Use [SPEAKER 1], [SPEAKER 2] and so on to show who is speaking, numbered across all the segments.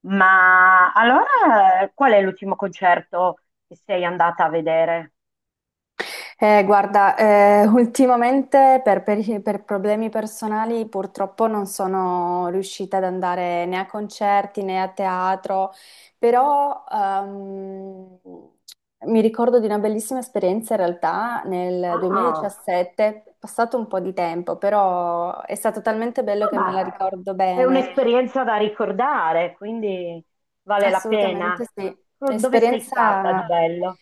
[SPEAKER 1] Ma allora qual è l'ultimo concerto che sei andata a vedere?
[SPEAKER 2] Guarda, ultimamente per problemi personali purtroppo non sono riuscita ad andare né a concerti né a teatro, però mi ricordo di una bellissima esperienza in realtà nel
[SPEAKER 1] Ah,
[SPEAKER 2] 2017, passato un po' di tempo, però è stato talmente bello che me la
[SPEAKER 1] vabbè,
[SPEAKER 2] ricordo
[SPEAKER 1] è
[SPEAKER 2] bene.
[SPEAKER 1] un'esperienza da ricordare, quindi vale la pena.
[SPEAKER 2] Assolutamente sì.
[SPEAKER 1] Dove sei stata di
[SPEAKER 2] L'esperienza
[SPEAKER 1] bello?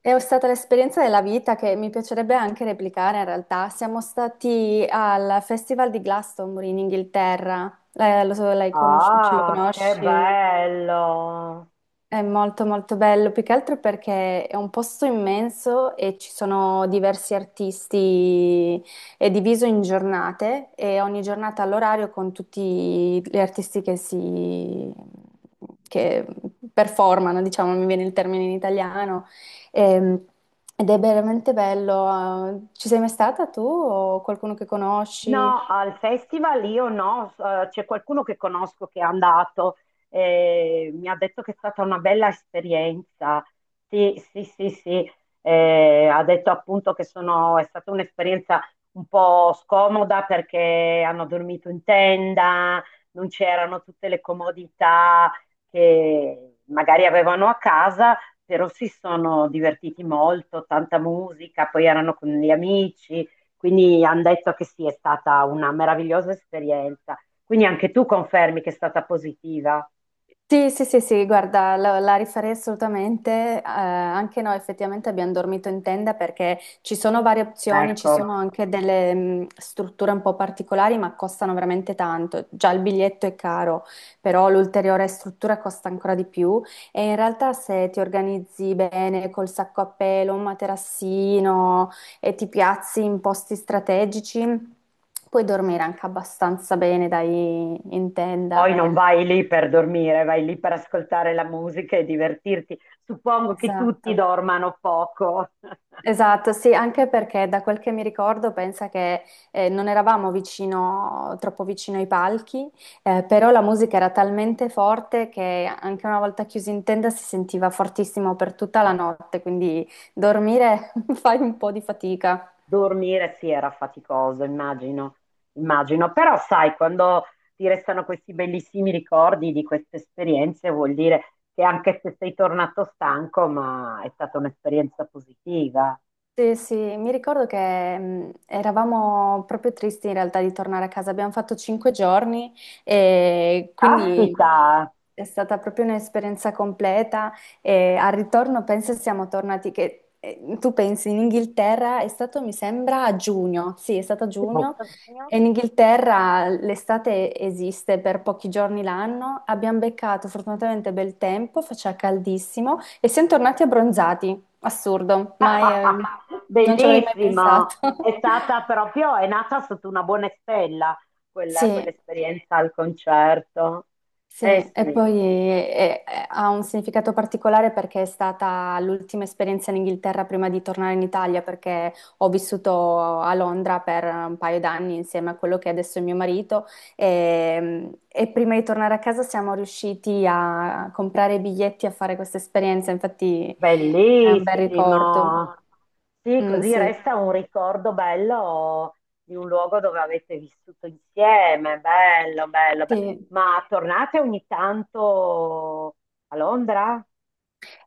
[SPEAKER 2] è stata l'esperienza della vita che mi piacerebbe anche replicare in realtà. Siamo stati al Festival di Glastonbury in Inghilterra. Lo so, ce lo
[SPEAKER 1] Ah, che
[SPEAKER 2] conosci?
[SPEAKER 1] bello!
[SPEAKER 2] È molto molto bello, più che altro perché è un posto immenso e ci sono diversi artisti, è diviso in giornate e ogni giornata all'orario con tutti gli artisti che performano, diciamo, mi viene il termine in italiano. Ehm, Ed è veramente bello. Ci sei mai stata tu o qualcuno che conosci?
[SPEAKER 1] No, al festival io no, c'è qualcuno che conosco che è andato e mi ha detto che è stata una bella esperienza. Sì, sì, sì, sì. Ha detto appunto che è stata un'esperienza un po' scomoda perché hanno dormito in tenda, non c'erano tutte le comodità che magari avevano a casa, però si sono divertiti molto, tanta musica, poi erano con gli amici. Quindi hanno detto che sì, è stata una meravigliosa esperienza. Quindi anche tu confermi che è stata positiva.
[SPEAKER 2] Sì, sì, sì, sì, guarda, la rifarei assolutamente. Anche noi effettivamente abbiamo dormito in tenda perché ci sono varie opzioni, ci
[SPEAKER 1] Ecco,
[SPEAKER 2] sono anche delle strutture un po' particolari, ma costano veramente tanto. Già il biglietto è caro, però l'ulteriore struttura costa ancora di più. E in realtà se ti organizzi bene col sacco a pelo, un materassino e ti piazzi in posti strategici, puoi dormire anche abbastanza bene, dai, in tenda.
[SPEAKER 1] poi non vai lì per dormire, vai lì per ascoltare la musica e divertirti. Suppongo che tutti
[SPEAKER 2] Esatto.
[SPEAKER 1] dormano poco.
[SPEAKER 2] Esatto, sì, anche perché da quel che mi ricordo pensa che non eravamo vicino, troppo vicino ai palchi, però la musica era talmente forte che anche una volta chiusi in tenda si sentiva fortissimo per tutta la notte, quindi dormire fai un po' di fatica.
[SPEAKER 1] Dormire sì era faticoso, immagino, immagino. Però sai, quando ti restano questi bellissimi ricordi di queste esperienze, vuol dire che anche se sei tornato stanco, ma è stata un'esperienza positiva.
[SPEAKER 2] Sì, sì, mi ricordo che eravamo proprio tristi in realtà di tornare a casa. Abbiamo fatto 5 giorni e
[SPEAKER 1] Ecco.
[SPEAKER 2] quindi
[SPEAKER 1] Caspita.
[SPEAKER 2] è stata proprio un'esperienza completa. E al ritorno penso siamo tornati, che tu pensi, in Inghilterra è stato, mi sembra, a giugno. Sì, è stato a giugno. E in Inghilterra l'estate esiste per pochi giorni l'anno. Abbiamo beccato fortunatamente bel tempo, faceva caldissimo e siamo tornati abbronzati. Assurdo, mai, non ci avrei mai
[SPEAKER 1] Bellissimo, è
[SPEAKER 2] pensato.
[SPEAKER 1] stata proprio, è nata sotto una buona stella quella,
[SPEAKER 2] Sì,
[SPEAKER 1] quell'esperienza al concerto. Eh
[SPEAKER 2] sì, e
[SPEAKER 1] sì,
[SPEAKER 2] poi ha un significato particolare perché è stata l'ultima esperienza in Inghilterra prima di tornare in Italia, perché ho vissuto a Londra per un paio d'anni insieme a quello che è adesso è mio marito e prima di tornare a casa siamo riusciti a comprare i biglietti e a fare questa esperienza, infatti è un bel ricordo.
[SPEAKER 1] bellissimo. Sì,
[SPEAKER 2] Mm,
[SPEAKER 1] così
[SPEAKER 2] sì,
[SPEAKER 1] resta un ricordo bello di un luogo dove avete vissuto insieme, bello, bello, bello.
[SPEAKER 2] sì.
[SPEAKER 1] Ma tornate ogni tanto a Londra?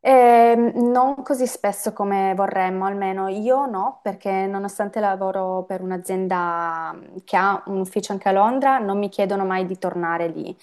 [SPEAKER 2] Non così spesso come vorremmo, almeno io no, perché nonostante lavoro per un'azienda che ha un ufficio anche a Londra, non mi chiedono mai di tornare lì.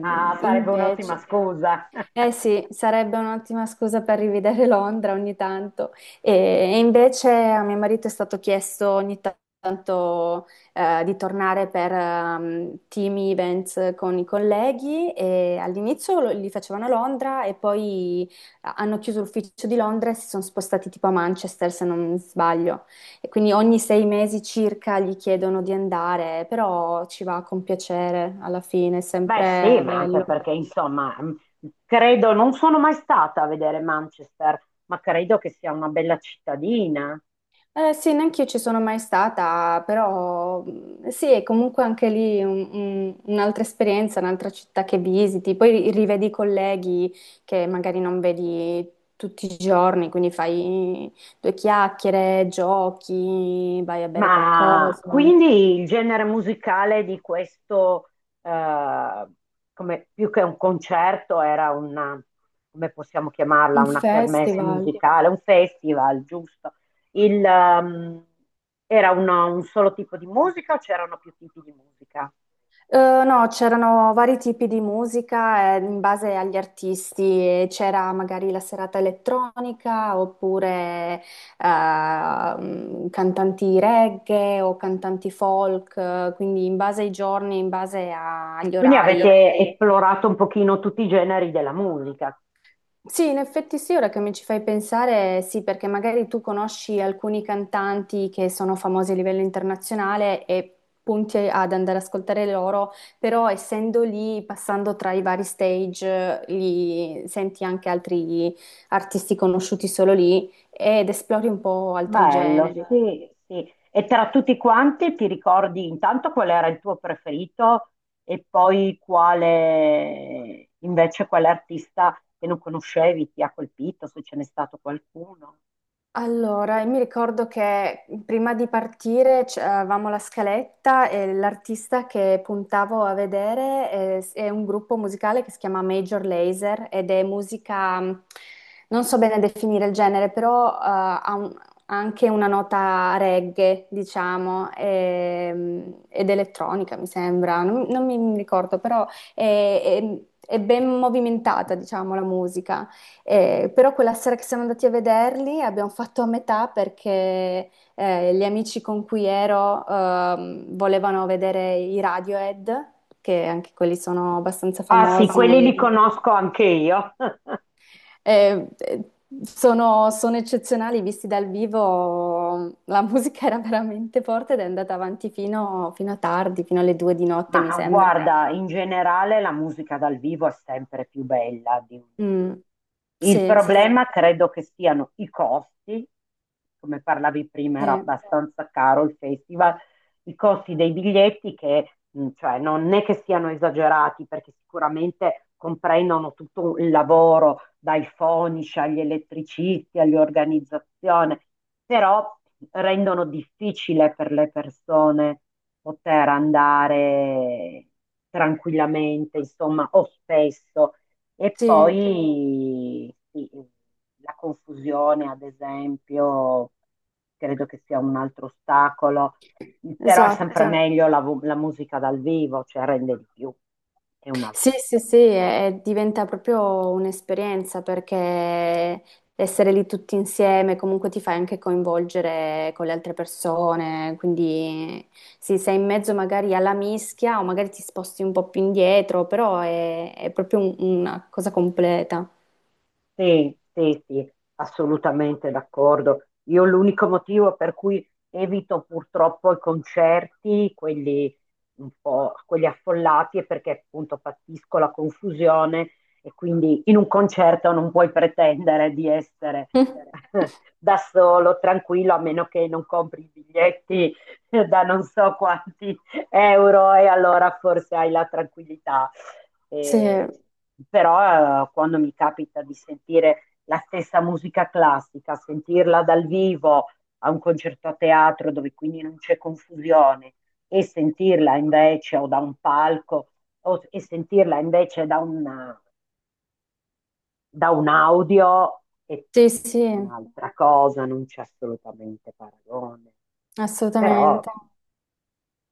[SPEAKER 1] Ah, sarebbe un'ottima
[SPEAKER 2] Invece.
[SPEAKER 1] scusa.
[SPEAKER 2] Eh sì, sarebbe un'ottima scusa per rivedere Londra ogni tanto. E, e invece a mio marito è stato chiesto ogni tanto di tornare per team events con i colleghi e all'inizio li facevano a Londra e poi hanno chiuso l'ufficio di Londra e si sono spostati tipo a Manchester, se non sbaglio. E quindi ogni 6 mesi circa gli chiedono di andare, però ci va con piacere alla fine, è
[SPEAKER 1] Beh, sì,
[SPEAKER 2] sempre
[SPEAKER 1] ma anche
[SPEAKER 2] bello.
[SPEAKER 1] perché, insomma, credo, non sono mai stata a vedere Manchester, ma credo che sia una bella cittadina.
[SPEAKER 2] Sì, neanche io ci sono mai stata, però sì, è comunque anche lì un'altra esperienza, un'altra città che visiti, poi rivedi i colleghi che magari non vedi tutti i giorni, quindi fai due chiacchiere, giochi, vai a bere
[SPEAKER 1] Ma
[SPEAKER 2] qualcosa,
[SPEAKER 1] quindi il genere musicale di questo, eh, come, più che un concerto, era una, come possiamo chiamarla,
[SPEAKER 2] un
[SPEAKER 1] una kermesse
[SPEAKER 2] festival.
[SPEAKER 1] musicale, un festival, giusto? Il, era un solo tipo di musica o c'erano più tipi di musica?
[SPEAKER 2] Eh, no, c'erano vari tipi di musica, in base agli artisti, e c'era magari la serata elettronica oppure cantanti reggae o cantanti folk, quindi in base ai giorni, in base agli
[SPEAKER 1] Quindi
[SPEAKER 2] orari.
[SPEAKER 1] avete esplorato un pochino tutti i generi della musica.
[SPEAKER 2] Sì, in effetti sì, ora che mi ci fai pensare, sì, perché magari tu conosci alcuni cantanti che sono famosi a livello internazionale e punti ad andare ad ascoltare loro, però essendo lì, passando tra i vari stage, li senti anche altri artisti conosciuti solo lì ed esplori un po' altri
[SPEAKER 1] Bello,
[SPEAKER 2] generi.
[SPEAKER 1] sì, sì. E tra tutti quanti ti ricordi intanto qual era il tuo preferito e poi quale invece quale artista che non conoscevi ti ha colpito, se ce n'è stato qualcuno?
[SPEAKER 2] Allora, io mi ricordo che prima di partire avevamo la scaletta e l'artista che puntavo a vedere è un gruppo musicale che si chiama Major Lazer ed è musica, non so bene definire il genere, però ha anche una nota reggae, diciamo, e, ed elettronica, mi sembra, non mi ricordo, però è, è è ben movimentata, diciamo, la musica. Però quella sera che siamo andati a vederli abbiamo fatto a metà perché gli amici con cui ero volevano vedere i Radiohead, che anche quelli sono abbastanza
[SPEAKER 1] Ah sì,
[SPEAKER 2] famosi
[SPEAKER 1] quelli
[SPEAKER 2] e,
[SPEAKER 1] li conosco anche io.
[SPEAKER 2] e- e sono eccezionali, visti dal vivo la musica era veramente forte ed è andata avanti fino a tardi, fino alle 2 di notte mi
[SPEAKER 1] Ma
[SPEAKER 2] sembra.
[SPEAKER 1] guarda, in generale la musica dal vivo è sempre più bella di un.
[SPEAKER 2] Mm,
[SPEAKER 1] Il
[SPEAKER 2] sì, sì, sì,
[SPEAKER 1] problema credo che siano i costi, come parlavi prima,
[SPEAKER 2] sì,
[SPEAKER 1] era abbastanza caro il festival, i costi dei biglietti che cioè, non è che siano esagerati perché sicuramente comprendono tutto il lavoro dai fonici agli elettricisti, all'organizzazione, però rendono difficile per le persone poter andare tranquillamente, insomma, o spesso. E
[SPEAKER 2] sì,
[SPEAKER 1] poi sì, la confusione, ad esempio, credo che sia un altro ostacolo, però è sempre
[SPEAKER 2] esatto.
[SPEAKER 1] meglio la, la musica dal vivo, cioè rende di più, è
[SPEAKER 2] Sì,
[SPEAKER 1] un'altra
[SPEAKER 2] sì,
[SPEAKER 1] cosa.
[SPEAKER 2] sì, diventa proprio un'esperienza perché essere lì tutti insieme comunque ti fai anche coinvolgere con le altre persone, quindi sì, sei in mezzo magari alla mischia o magari ti sposti un po' più indietro, però è proprio una cosa completa.
[SPEAKER 1] Sì, sì, sì, assolutamente d'accordo. Io l'unico motivo per cui evito purtroppo i concerti, quelli un po', quelli affollati, è perché appunto patisco la confusione e quindi in un concerto non puoi pretendere di essere da solo, tranquillo, a meno che non compri i biglietti da non so quanti euro e allora forse hai la tranquillità.
[SPEAKER 2] Sì,
[SPEAKER 1] Eh, però quando mi capita di sentire la stessa musica classica, sentirla dal vivo a un concerto a teatro dove quindi non c'è confusione e sentirla invece o da un palco o, e sentirla invece da, da un audio è
[SPEAKER 2] sì, sì,
[SPEAKER 1] un'altra cosa, non c'è assolutamente paragone. Però
[SPEAKER 2] assolutamente.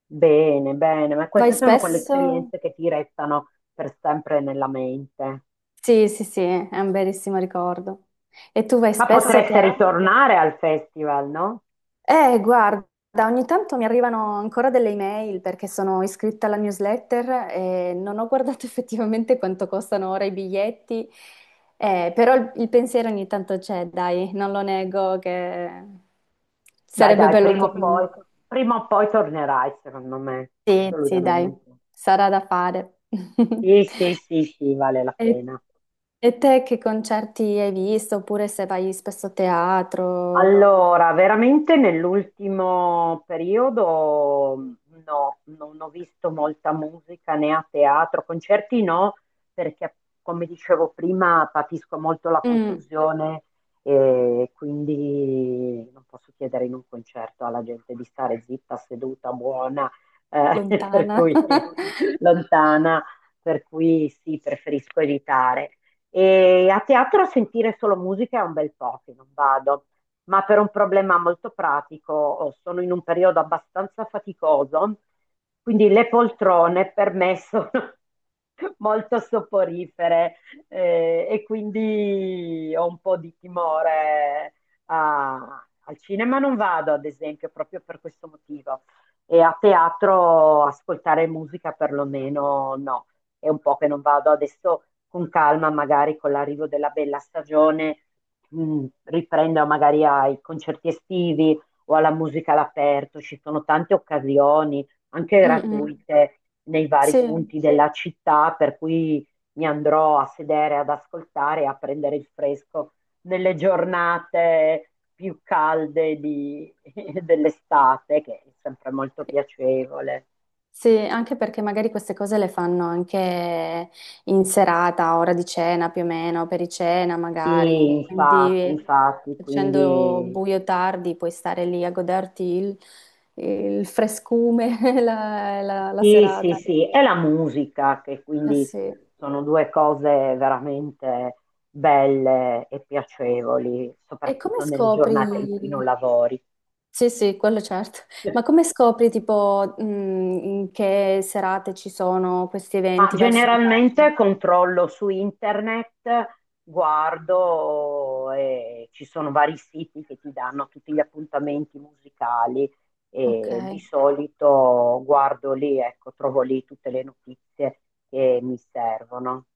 [SPEAKER 1] bene, bene, ma
[SPEAKER 2] Vai
[SPEAKER 1] queste sono quelle
[SPEAKER 2] spesso?
[SPEAKER 1] esperienze che ti restano per sempre nella mente.
[SPEAKER 2] Sì, sì, sì, è un bellissimo ricordo. E tu vai
[SPEAKER 1] Ma
[SPEAKER 2] spesso a
[SPEAKER 1] potreste tornerò.
[SPEAKER 2] teatro?
[SPEAKER 1] Ritornare al festival, no?
[SPEAKER 2] Guarda, ogni tanto mi arrivano ancora delle email perché sono iscritta alla newsletter e non ho guardato effettivamente quanto costano ora i biglietti, però il pensiero ogni tanto c'è, dai, non lo nego che
[SPEAKER 1] Beh,
[SPEAKER 2] sarebbe
[SPEAKER 1] dai,
[SPEAKER 2] bello tornare.
[SPEAKER 1] prima o poi tornerai, secondo me,
[SPEAKER 2] Sì, sì, dai,
[SPEAKER 1] assolutamente.
[SPEAKER 2] sarà da fare.
[SPEAKER 1] Sì, sì, sì, sì, vale la
[SPEAKER 2] E,
[SPEAKER 1] pena.
[SPEAKER 2] e te che concerti hai visto, oppure se vai spesso a teatro?
[SPEAKER 1] Allora, veramente nell'ultimo periodo no, non ho visto molta musica né a teatro, concerti no, perché come dicevo prima patisco molto la
[SPEAKER 2] Mm,
[SPEAKER 1] confusione e quindi non posso chiedere in un concerto alla gente di stare zitta, seduta, buona, eh, per
[SPEAKER 2] lontana.
[SPEAKER 1] cui lontana, per cui sì, preferisco evitare. E a teatro sentire solo musica è un bel po' che non vado, ma per un problema molto pratico oh, sono in un periodo abbastanza faticoso, quindi le poltrone per me sono molto soporifere, e quindi ho un po' di timore, al cinema non vado, ad esempio, proprio per questo motivo. E a teatro ascoltare musica perlomeno no, è un po' che non vado adesso con calma, magari con l'arrivo della bella stagione, riprendo magari ai concerti estivi o alla musica all'aperto, ci sono tante occasioni, anche
[SPEAKER 2] Mm, mm.
[SPEAKER 1] gratuite, nei vari
[SPEAKER 2] Sì.
[SPEAKER 1] punti della città, per cui mi andrò a sedere ad ascoltare a prendere il fresco nelle giornate più calde dell'estate, che è sempre molto piacevole.
[SPEAKER 2] Sì, anche perché magari queste cose le fanno anche in serata, a ora di cena più o meno, pericena
[SPEAKER 1] Sì,
[SPEAKER 2] magari.
[SPEAKER 1] infatti,
[SPEAKER 2] Quindi
[SPEAKER 1] infatti,
[SPEAKER 2] facendo
[SPEAKER 1] quindi
[SPEAKER 2] buio tardi puoi stare lì a goderti il frescume, la
[SPEAKER 1] sì, sì,
[SPEAKER 2] serata.
[SPEAKER 1] sì, è la musica che
[SPEAKER 2] Eh
[SPEAKER 1] quindi
[SPEAKER 2] sì.
[SPEAKER 1] sono due cose veramente belle e piacevoli,
[SPEAKER 2] E come
[SPEAKER 1] soprattutto nelle giornate in cui non
[SPEAKER 2] scopri?
[SPEAKER 1] lavori.
[SPEAKER 2] Sì, sì, quello certo. Ma come scopri tipo in che serate ci sono questi
[SPEAKER 1] Ma
[SPEAKER 2] eventi? Vai su una pagina.
[SPEAKER 1] generalmente controllo su internet, guardo e ci sono vari siti che ti danno tutti gli appuntamenti musicali
[SPEAKER 2] Ok.
[SPEAKER 1] e di solito guardo lì, ecco, trovo lì tutte le notizie che mi servono.